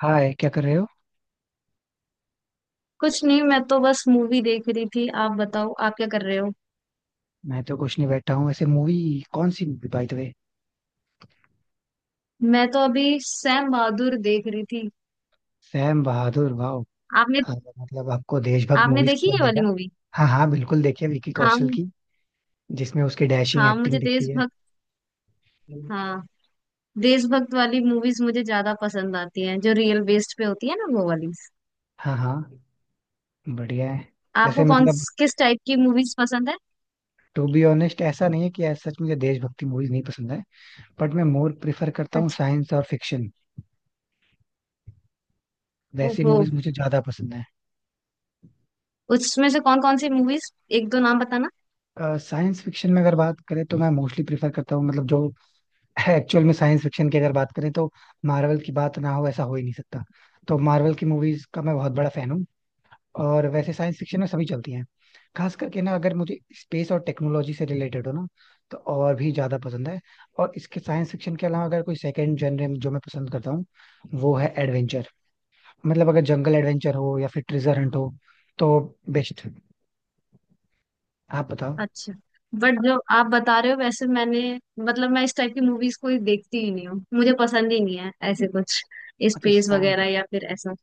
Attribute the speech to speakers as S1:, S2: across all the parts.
S1: हाय, क्या कर रहे हो।
S2: कुछ नहीं, मैं तो बस मूवी देख रही थी। आप बताओ, आप क्या कर रहे हो।
S1: मैं तो कुछ नहीं, बैठा हूँ ऐसे मूवी। कौन सी मूवी बाय द वे।
S2: मैं तो अभी सैम बहादुर देख रही थी।
S1: सैम बहादुर, वाह।
S2: आपने,
S1: मतलब आपको देशभक्त
S2: आपने
S1: मूवीज
S2: देखी ये
S1: पसंद है
S2: वाली
S1: क्या।
S2: मूवी।
S1: हाँ हाँ बिल्कुल, देखिए विकी
S2: हाँ
S1: कौशल
S2: मु-
S1: की जिसमें उसकी डैशिंग
S2: हाँ, मुझे
S1: एक्टिंग दिखती है।
S2: देशभक्त। हाँ। देशभक्त वाली मूवीज मुझे ज्यादा पसंद आती हैं, जो रियल बेस्ड पे होती है ना, वो वाली।
S1: हाँ हाँ, बढ़िया है। वैसे
S2: आपको कौन,
S1: मतलब
S2: किस टाइप की मूवीज पसंद है।
S1: टू बी ऑनेस्ट, ऐसा नहीं है कि ऐसा सच मुझे देशभक्ति मूवीज नहीं पसंद है, बट मैं मोर प्रिफर करता हूँ
S2: अच्छा।
S1: साइंस और फिक्शन। वैसी
S2: ओहो।
S1: मूवीज मुझे ज्यादा पसंद है।
S2: उसमें से कौन कौन सी मूवीज, एक दो नाम बताना।
S1: साइंस फिक्शन में अगर बात करें, तो मैं मोस्टली प्रिफर करता हूँ मतलब जो एक्चुअल में साइंस फिक्शन की अगर बात करें, तो मार्वल की बात ना हो ऐसा हो ही नहीं सकता। तो मार्वल की मूवीज का मैं बहुत बड़ा फैन हूँ। और वैसे साइंस फिक्शन में सभी चलती हैं। खास करके ना अगर मुझे स्पेस और टेक्नोलॉजी से रिलेटेड हो ना, तो और भी ज्यादा पसंद है। और इसके साइंस फिक्शन के अलावा अगर कोई सेकंड जनरे में जो मैं पसंद करता हूँ, वो है एडवेंचर। मतलब अगर जंगल एडवेंचर हो या फिर ट्रेजर हंट हो, तो बेस्ट। आप बताओ।
S2: अच्छा। बट जो आप बता रहे हो, वैसे मैंने, मतलब मैं इस टाइप की मूवीज कोई देखती ही नहीं हूँ। मुझे पसंद ही नहीं है ऐसे कुछ,
S1: अच्छा
S2: स्पेस
S1: साइंस।
S2: वगैरह या फिर ऐसा।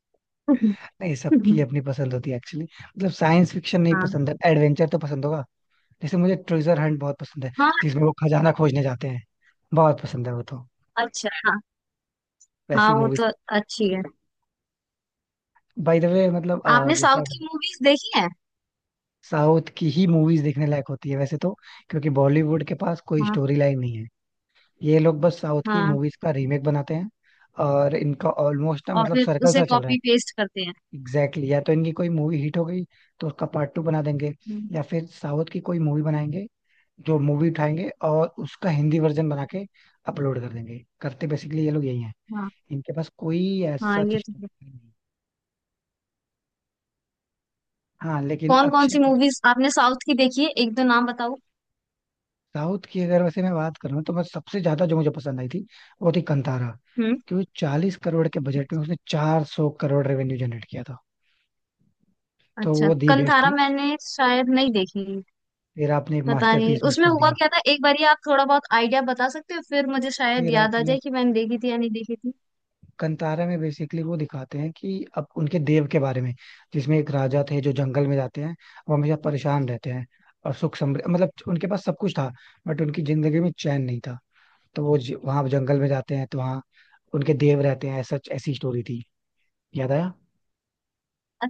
S1: नहीं, सबकी अपनी पसंद होती है एक्चुअली। मतलब साइंस फिक्शन नहीं
S2: हाँ।
S1: पसंद है, एडवेंचर तो पसंद होगा। जैसे मुझे ट्रेजर हंट बहुत पसंद है
S2: हाँ,
S1: जिसमें वो खजाना खोजने जाते हैं। बहुत पसंद है वो तो,
S2: अच्छा। हाँ हाँ
S1: वैसी
S2: वो
S1: मूवीज।
S2: तो, अच्छी है।
S1: बाय द वे मतलब
S2: आपने
S1: जैसे
S2: साउथ
S1: आप
S2: की मूवीज देखी है।
S1: साउथ की ही मूवीज देखने लायक होती है वैसे तो, क्योंकि बॉलीवुड के पास कोई
S2: हाँ।
S1: स्टोरी लाइन नहीं है। ये लोग बस साउथ की
S2: हाँ,
S1: मूवीज का रीमेक बनाते हैं। और इनका ऑलमोस्ट ना
S2: और
S1: मतलब
S2: फिर
S1: सर्कल
S2: उसे
S1: सा चल रहा है।
S2: कॉपी पेस्ट करते हैं।
S1: Exactly exactly। या तो इनकी कोई मूवी हिट हो गई तो उसका पार्ट टू बना देंगे,
S2: हम्म।
S1: या फिर साउथ की कोई मूवी बनाएंगे। जो मूवी उठाएंगे और उसका हिंदी वर्जन बना के अपलोड कर देंगे, करते बेसिकली ये लोग यही है।
S2: हाँ,
S1: इनके पास कोई
S2: हाँ
S1: ऐसा
S2: ये तो है।
S1: स्टोरी नहीं। हाँ लेकिन
S2: कौन कौन
S1: अक्षय
S2: सी मूवीज आपने साउथ की देखी है, एक दो नाम बताओ।
S1: साउथ की अगर वैसे मैं बात करूँ, तो मैं सबसे ज्यादा जो मुझे पसंद आई थी वो थी कंतारा,
S2: हम्म।
S1: क्योंकि 40 करोड़ के बजट में उसने 400 करोड़ रेवेन्यू जनरेट किया था। तो
S2: अच्छा,
S1: वो दी बेस्ट
S2: कंथारा
S1: थी।
S2: मैंने शायद नहीं देखी।
S1: फिर आपने एक
S2: पता नहीं
S1: मास्टरपीस मिस
S2: उसमें
S1: कर
S2: हुआ
S1: दिया।
S2: क्या था, एक बार आप थोड़ा बहुत आइडिया बता सकते हो, फिर मुझे शायद
S1: फिर
S2: याद आ
S1: आपने
S2: जाए कि मैंने देखी थी या नहीं देखी थी।
S1: कंतारा में बेसिकली वो दिखाते हैं कि अब उनके देव के बारे में जिसमें एक राजा थे जो जंगल में जाते हैं। वो हमेशा परेशान रहते हैं। और सुख समृद्धि मतलब उनके पास सब कुछ था, बट उनकी जिंदगी में चैन नहीं था। तो वो वहाँ जंगल में जाते हैं तो वहाँ उनके देव रहते हैं, सच ऐसी स्टोरी थी, याद आया।
S2: अ-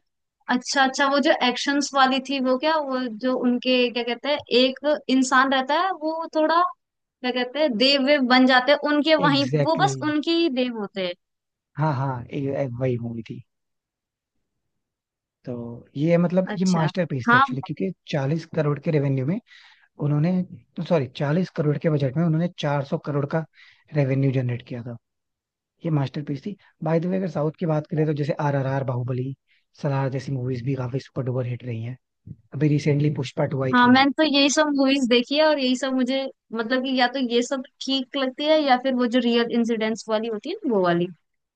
S2: अच्छा, अच्छा, वो जो एक्शंस वाली थी, वो क्या वो जो उनके क्या कहते हैं, एक इंसान रहता है वो थोड़ा, क्या कहते हैं, देव वेव बन जाते हैं उनके, वहीं वो
S1: एग्जैक्टली
S2: बस
S1: exactly।
S2: उनके ही देव होते हैं।
S1: हाँ हाँ वही मूवी थी। तो ये मतलब ये
S2: अच्छा।
S1: मास्टरपीस थी
S2: हाँ।
S1: एक्चुअली, क्योंकि 40 करोड़ के रेवेन्यू में उन्होंने, सॉरी, 40 करोड़ के बजट में उन्होंने 400 करोड़ का रेवेन्यू जनरेट किया था। ये मास्टरपीस थी। बाय द वे, अगर साउथ की बात करें तो जैसे RRR, बाहुबली, सलार जैसी मूवीज भी काफी सुपर डुपर हिट रही हैं। अभी रिसेंटली पुष्पा टू आई
S2: हाँ,
S1: थी।
S2: मैंने तो यही सब मूवीज देखी है, और यही सब मुझे, मतलब कि या तो ये सब ठीक लगती है, या फिर वो जो रियल इंसिडेंट्स वाली होती है ना, वो वाली,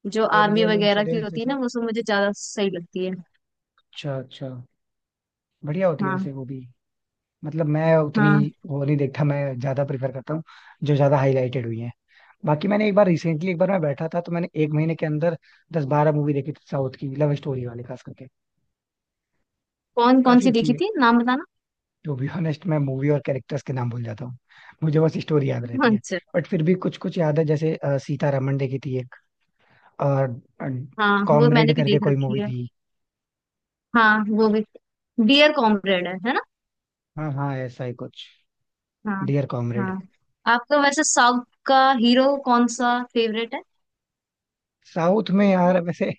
S2: जो आर्मी
S1: रियल
S2: वगैरह की
S1: इंसिडेंट्स
S2: होती है
S1: जैसे,
S2: ना, वो सब मुझे ज्यादा सही लगती है।
S1: अच्छा अच्छा, बढ़िया होती है
S2: हाँ।
S1: वैसे वो भी। मतलब मैं उतनी
S2: हाँ।
S1: वो नहीं देखता, मैं ज्यादा प्रेफर करता हूँ जो ज्यादा हाईलाइटेड हुई है। बाकी मैंने एक बार रिसेंटली, एक बार मैं बैठा था तो मैंने एक महीने के अंदर 10-12 मूवी देखी थी साउथ की, लव स्टोरी वाले खास करके।
S2: कौन कौन
S1: काफी
S2: सी
S1: अच्छी
S2: देखी
S1: है।
S2: थी, नाम बताना।
S1: टू बी ऑनेस्ट मैं मूवी और कैरेक्टर्स के नाम भूल जाता हूँ, मुझे बस स्टोरी याद रहती है।
S2: अच्छा।
S1: बट फिर भी कुछ कुछ याद है, जैसे सीतारमण देखी थी एक। और
S2: हाँ, वो मैंने
S1: कॉमरेड
S2: भी
S1: करके
S2: देख
S1: कोई
S2: रखी
S1: मूवी
S2: है।
S1: थी।
S2: हाँ, वो भी। डियर कॉमरेड है ना।
S1: हाँ हाँ ऐसा ही कुछ,
S2: हाँ।
S1: डियर
S2: हाँ,
S1: कॉमरेड।
S2: आपका वैसे साउथ का हीरो कौन सा फेवरेट है।
S1: साउथ में यार वैसे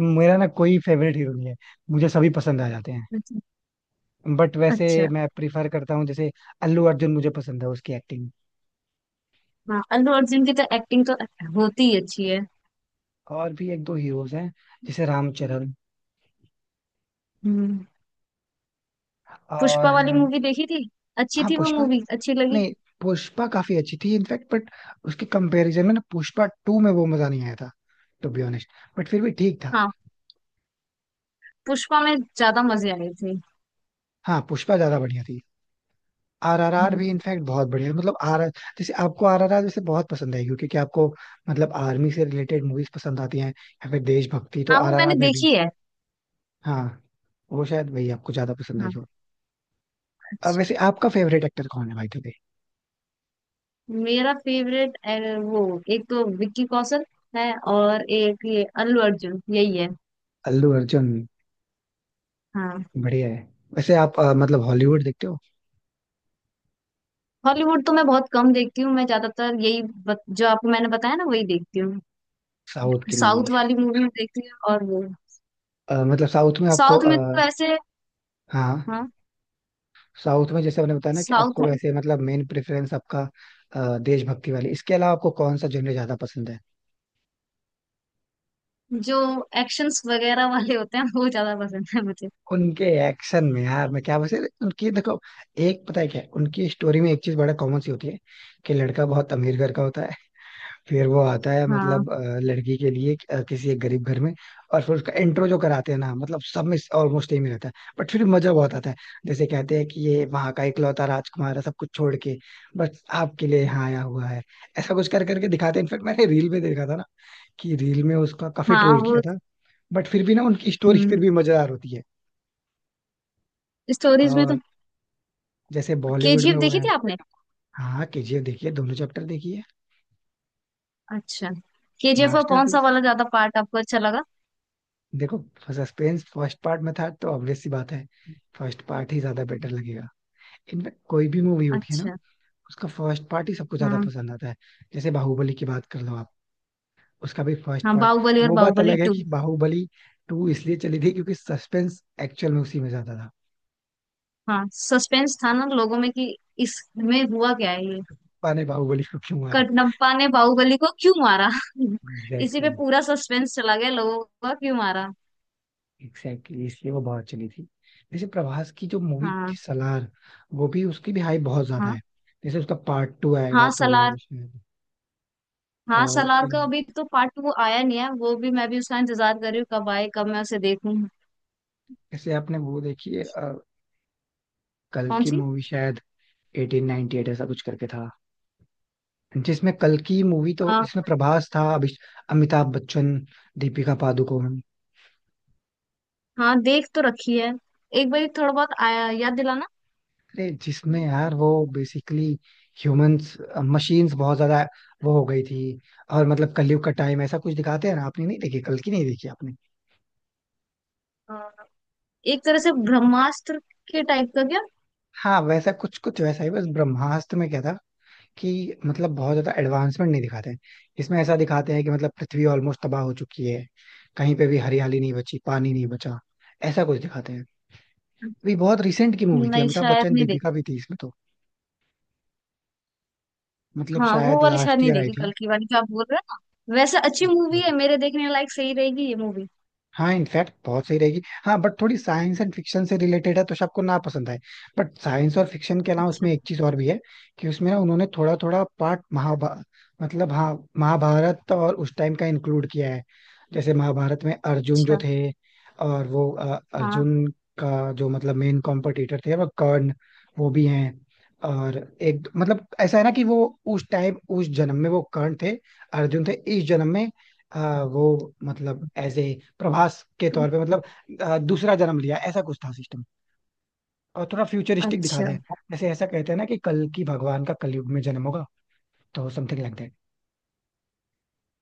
S1: मेरा ना कोई फेवरेट हीरो नहीं है, मुझे सभी पसंद आ जाते हैं।
S2: अच्छा।
S1: बट वैसे
S2: अच्छा।
S1: मैं प्रिफर करता हूँ जैसे अल्लू अर्जुन, मुझे पसंद है उसकी एक्टिंग।
S2: हाँ, अल्लू अर्जुन की तो एक्टिंग तो होती ही अच्छी है।
S1: और भी एक दो हीरोज हैं, जैसे रामचरण।
S2: हम्म। पुष्पा
S1: और
S2: वाली मूवी देखी थी, अच्छी
S1: हाँ
S2: थी वो
S1: पुष्पा,
S2: मूवी, अच्छी लगी।
S1: नहीं पुष्पा काफी अच्छी थी इनफैक्ट, बट उसके कंपैरिजन में ना पुष्पा टू में वो मजा नहीं आया था टू बी ऑनेस्ट, बट फिर भी ठीक था।
S2: हाँ, पुष्पा में ज्यादा मजे आए थे।
S1: हाँ पुष्पा ज्यादा बढ़िया थी। आरआरआर भी
S2: हम्म।
S1: इनफैक्ट बहुत बढ़िया है। मतलब आर, जैसे आपको RRR जैसे बहुत पसंद आएगी क्योंकि क्या आपको, मतलब आर्मी से रिलेटेड मूवीज पसंद आती हैं, या फिर देशभक्ति, तो
S2: हाँ, वो मैंने
S1: RRR में भी
S2: देखी है।
S1: हाँ वो शायद वही आपको ज्यादा पसंद आई
S2: हाँ।
S1: हो। अब
S2: अच्छा।
S1: वैसे आपका फेवरेट एक्टर कौन है भाई थे?
S2: मेरा फेवरेट, वो, एक तो विक्की कौशल है, और एक ये अल्लू अर्जुन, यही है।
S1: अल्लू अर्जुन,
S2: हाँ।
S1: बढ़िया है। वैसे आप मतलब हॉलीवुड देखते हो,
S2: हॉलीवुड तो मैं बहुत कम देखती हूँ। मैं ज्यादातर यही जो आपको मैंने बताया ना, वही देखती हूँ।
S1: साउथ की
S2: साउथ
S1: मूवीज।
S2: वाली मूवी में देखती हूँ, और वो,
S1: मतलब साउथ में आपको
S2: साउथ में तो ऐसे।
S1: हाँ
S2: हाँ।
S1: साउथ में जैसे आपने बताया ना कि
S2: साउथ
S1: आपको
S2: में
S1: वैसे
S2: तो,
S1: मतलब मेन प्रेफरेंस आपका देशभक्ति वाली, इसके अलावा आपको कौन सा जॉनर ज्यादा पसंद है?
S2: जो एक्शंस वगैरह वाले होते हैं वो ज्यादा पसंद है मुझे।
S1: उनके एक्शन में यार मैं क्या वैसे उनकी देखो, एक पता है क्या है? उनकी स्टोरी में एक चीज बड़ा कॉमन सी होती है कि लड़का बहुत अमीर घर का होता है, फिर वो आता है
S2: हाँ।
S1: मतलब लड़की के लिए किसी एक गरीब घर में। और फिर उसका इंट्रो जो कराते हैं ना मतलब सब में ऑलमोस्ट सेम ही रहता है, बट फिर मजा बहुत आता है। जैसे कहते हैं कि ये वहां का इकलौता राजकुमार है, सब कुछ छोड़ के बस आपके लिए यहाँ आया हुआ है, ऐसा कुछ कर करके दिखाते हैं। इनफेक्ट मैंने रील में देखा था ना कि रील में उसका काफी
S2: हाँ
S1: ट्रोल किया
S2: वो।
S1: था, बट फिर भी ना उनकी स्टोरी फिर
S2: हम्म,
S1: भी मजेदार होती
S2: स्टोरीज में तो।
S1: है। जैसे बॉलीवुड में
S2: केजीएफ
S1: वो
S2: देखी
S1: है,
S2: थी आपने।
S1: हाँ KGF देखिए, दोनों चैप्टर देखिए।
S2: अच्छा। केजीएफ का कौन सा
S1: मास्टरपीस।
S2: वाला ज्यादा पार्ट आपको अच्छा लगा।
S1: देखो सस्पेंस फर्स्ट पार्ट में था तो ऑब्वियस सी बात है, फर्स्ट पार्ट ही ज्यादा बेटर लगेगा। इनफैक्ट कोई भी मूवी होती है ना,
S2: अच्छा।
S1: उसका फर्स्ट पार्ट ही सबको ज्यादा
S2: हाँ।
S1: पसंद आता है। जैसे बाहुबली की बात कर लो आप, उसका भी फर्स्ट
S2: हाँ,
S1: पार्ट।
S2: बाहुबली और
S1: वो बात
S2: बाहुबली
S1: अलग है
S2: टू।
S1: कि बाहुबली टू इसलिए चली थी क्योंकि सस्पेंस एक्चुअल में उसी में ज्यादा था।
S2: हाँ, सस्पेंस था ना लोगों में कि इसमें हुआ क्या है ये।
S1: पाने बाहुबली को क्यों मारा।
S2: कटनप्पा ने बाहुबली को क्यों मारा। इसी पे
S1: एग्जैक्टली
S2: पूरा सस्पेंस चला गया लोगों का, क्यों मारा।
S1: एग्जैक्टली, इसलिए वो बहुत चली थी। जैसे प्रभास की जो मूवी
S2: हाँ।
S1: थी सलार, वो भी उसकी भी हाइप बहुत ज्यादा
S2: हाँ।
S1: है। जैसे उसका पार्ट टू आएगा
S2: हाँ
S1: तो
S2: सलार।
S1: वो शायद।
S2: हाँ,
S1: और
S2: सलार का अभी तो पार्ट टू आया नहीं है, वो भी मैं भी उसका इंतजार कर रही हूँ, कब आए कब मैं उसे देखूँ।
S1: जैसे आपने वो देखी है कल
S2: कौन
S1: की
S2: सी।
S1: मूवी शायद 1898 ऐसा कुछ करके था, जिसमें कल की मूवी, तो जिसमें प्रभास था, अभिष अमिताभ बच्चन, दीपिका पादुकोण।
S2: हाँ, देख तो रखी है, एक बार थोड़ा बहुत आया याद दिलाना।
S1: अरे जिसमें यार वो बेसिकली ह्यूमंस मशीन्स बहुत ज्यादा वो हो गई थी, और मतलब कलयुग का टाइम ऐसा कुछ दिखाते हैं ना। आपने नहीं देखी कल की? नहीं देखी आपने।
S2: अ, एक तरह से ब्रह्मास्त्र के टाइप का क्या।
S1: हाँ वैसा कुछ कुछ वैसा ही बस, ब्रह्मास्त्र में क्या था कि मतलब बहुत ज्यादा एडवांसमेंट नहीं दिखाते हैं। इसमें ऐसा दिखाते हैं कि मतलब पृथ्वी ऑलमोस्ट तबाह हो चुकी है, कहीं पे भी हरियाली नहीं बची, पानी नहीं बचा, ऐसा कुछ दिखाते हैं। ये बहुत रिसेंट की मूवी थी,
S2: नहीं,
S1: अमिताभ
S2: शायद
S1: बच्चन
S2: नहीं
S1: दीपिका
S2: देखी।
S1: भी थी इसमें तो, मतलब
S2: हाँ, वो
S1: शायद
S2: वाली शायद
S1: लास्ट
S2: नहीं
S1: ईयर आई
S2: देखी, कल की वाली जो आप बोल रहे हो ना, वैसे अच्छी मूवी
S1: थी।
S2: है मेरे देखने लायक, सही रहेगी ये मूवी।
S1: हाँ इनफैक्ट बहुत सही रहेगी, हाँ बट थोड़ी साइंस एंड फिक्शन से रिलेटेड है तो सबको ना पसंद आए। बट साइंस और फिक्शन के अलावा
S2: अच्छा।
S1: उसमें एक चीज और भी है कि उसमें ना उन्होंने थोड़ा थोड़ा पार्ट महाभा मतलब हाँ महाभारत और उस टाइम का इंक्लूड किया है। जैसे महाभारत में अर्जुन जो
S2: अच्छा।
S1: थे, और वो
S2: हाँ।
S1: अर्जुन का जो मतलब मेन कॉम्पिटिटर थे वो कर्ण, वो भी हैं। और एक मतलब ऐसा है ना कि वो उस टाइम उस जन्म में वो कर्ण थे, अर्जुन थे इस जन्म में। हाँ वो मतलब ऐसे प्रभास के तौर पे मतलब दूसरा जन्म लिया, ऐसा कुछ था सिस्टम, और थोड़ा फ्यूचरिस्टिक दिखा
S2: अच्छा,
S1: दे। जैसे ऐसा कहते हैं ना कि कल की भगवान का कलयुग में जन्म होगा, तो समथिंग लाइक दैट।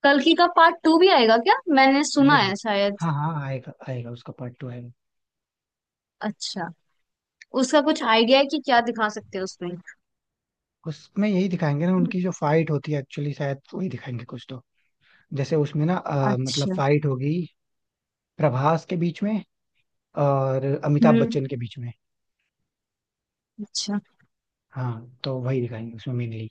S2: कल्कि का पार्ट टू भी आएगा क्या, मैंने सुना
S1: आएगा।
S2: है शायद।
S1: हाँ हाँ आएगा आएगा, उसका पार्ट टू आएगा।
S2: अच्छा। उसका कुछ आइडिया है कि क्या दिखा सकते हैं उसमें।
S1: उसमें यही दिखाएंगे ना, उनकी जो फाइट होती है एक्चुअली शायद वही दिखाएंगे कुछ तो। जैसे उसमें ना मतलब
S2: अच्छा।
S1: फाइट होगी प्रभास के बीच में और अमिताभ
S2: हम्म।
S1: बच्चन के बीच में।
S2: अच्छा।
S1: हाँ तो वही दिखाएंगे उसमें मेनली।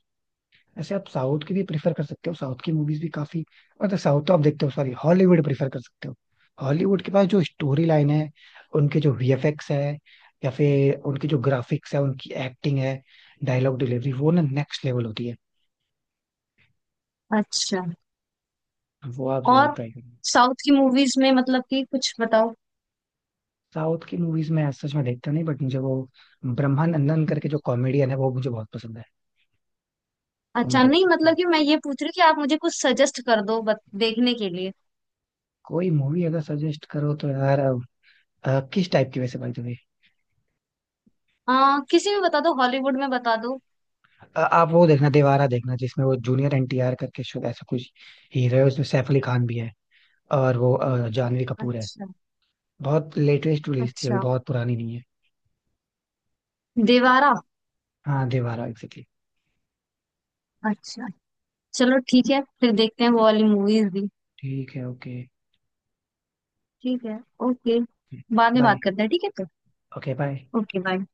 S1: वैसे आप साउथ की भी प्रिफर कर सकते हो, साउथ की मूवीज भी काफी, मतलब साउथ तो आप देखते हो, सॉरी हॉलीवुड प्रिफर कर सकते हो। हॉलीवुड के पास जो स्टोरी लाइन है, उनके जो VFX है या फिर उनके जो ग्राफिक्स है, उनकी एक्टिंग है, डायलॉग डिलीवरी, वो ना नेक्स्ट लेवल होती है।
S2: अच्छा।
S1: वो आप जरूर
S2: और
S1: ट्राई करिए।
S2: साउथ की मूवीज में, मतलब कि कुछ बताओ।
S1: साउथ की मूवीज में as such मैं देखता नहीं, बट मुझे वो ब्रह्मानंदन करके जो कॉमेडियन है वो मुझे बहुत पसंद है। वो मैं
S2: अच्छा,
S1: देख
S2: नहीं,
S1: सकता हूँ।
S2: मतलब कि मैं ये पूछ रही हूँ कि आप मुझे कुछ सजेस्ट कर दो देखने के लिए।
S1: कोई मूवी अगर सजेस्ट करो तो यार किस टाइप की वैसे बाय द वे?
S2: किसी में बता दो, हॉलीवुड में बता दो।
S1: आप वो देखना, दीवारा देखना, जिसमें वो जूनियर NTR करके शायद ऐसा कुछ हीरो है, उसमें सैफ अली खान भी है और वो जानवी कपूर है।
S2: अच्छा।
S1: बहुत लेटेस्ट रिलीज थी, अभी
S2: अच्छा,
S1: बहुत पुरानी नहीं है।
S2: देवारा।
S1: हाँ दीवारा एग्जैक्टली।
S2: अच्छा। चलो ठीक है, फिर देखते हैं वो वाली मूवीज भी।
S1: ठीक है, ओके
S2: ठीक है। ओके, बाद में
S1: बाय।
S2: बात करते हैं, ठीक है।
S1: Okay bye.
S2: तो ओके, बाय।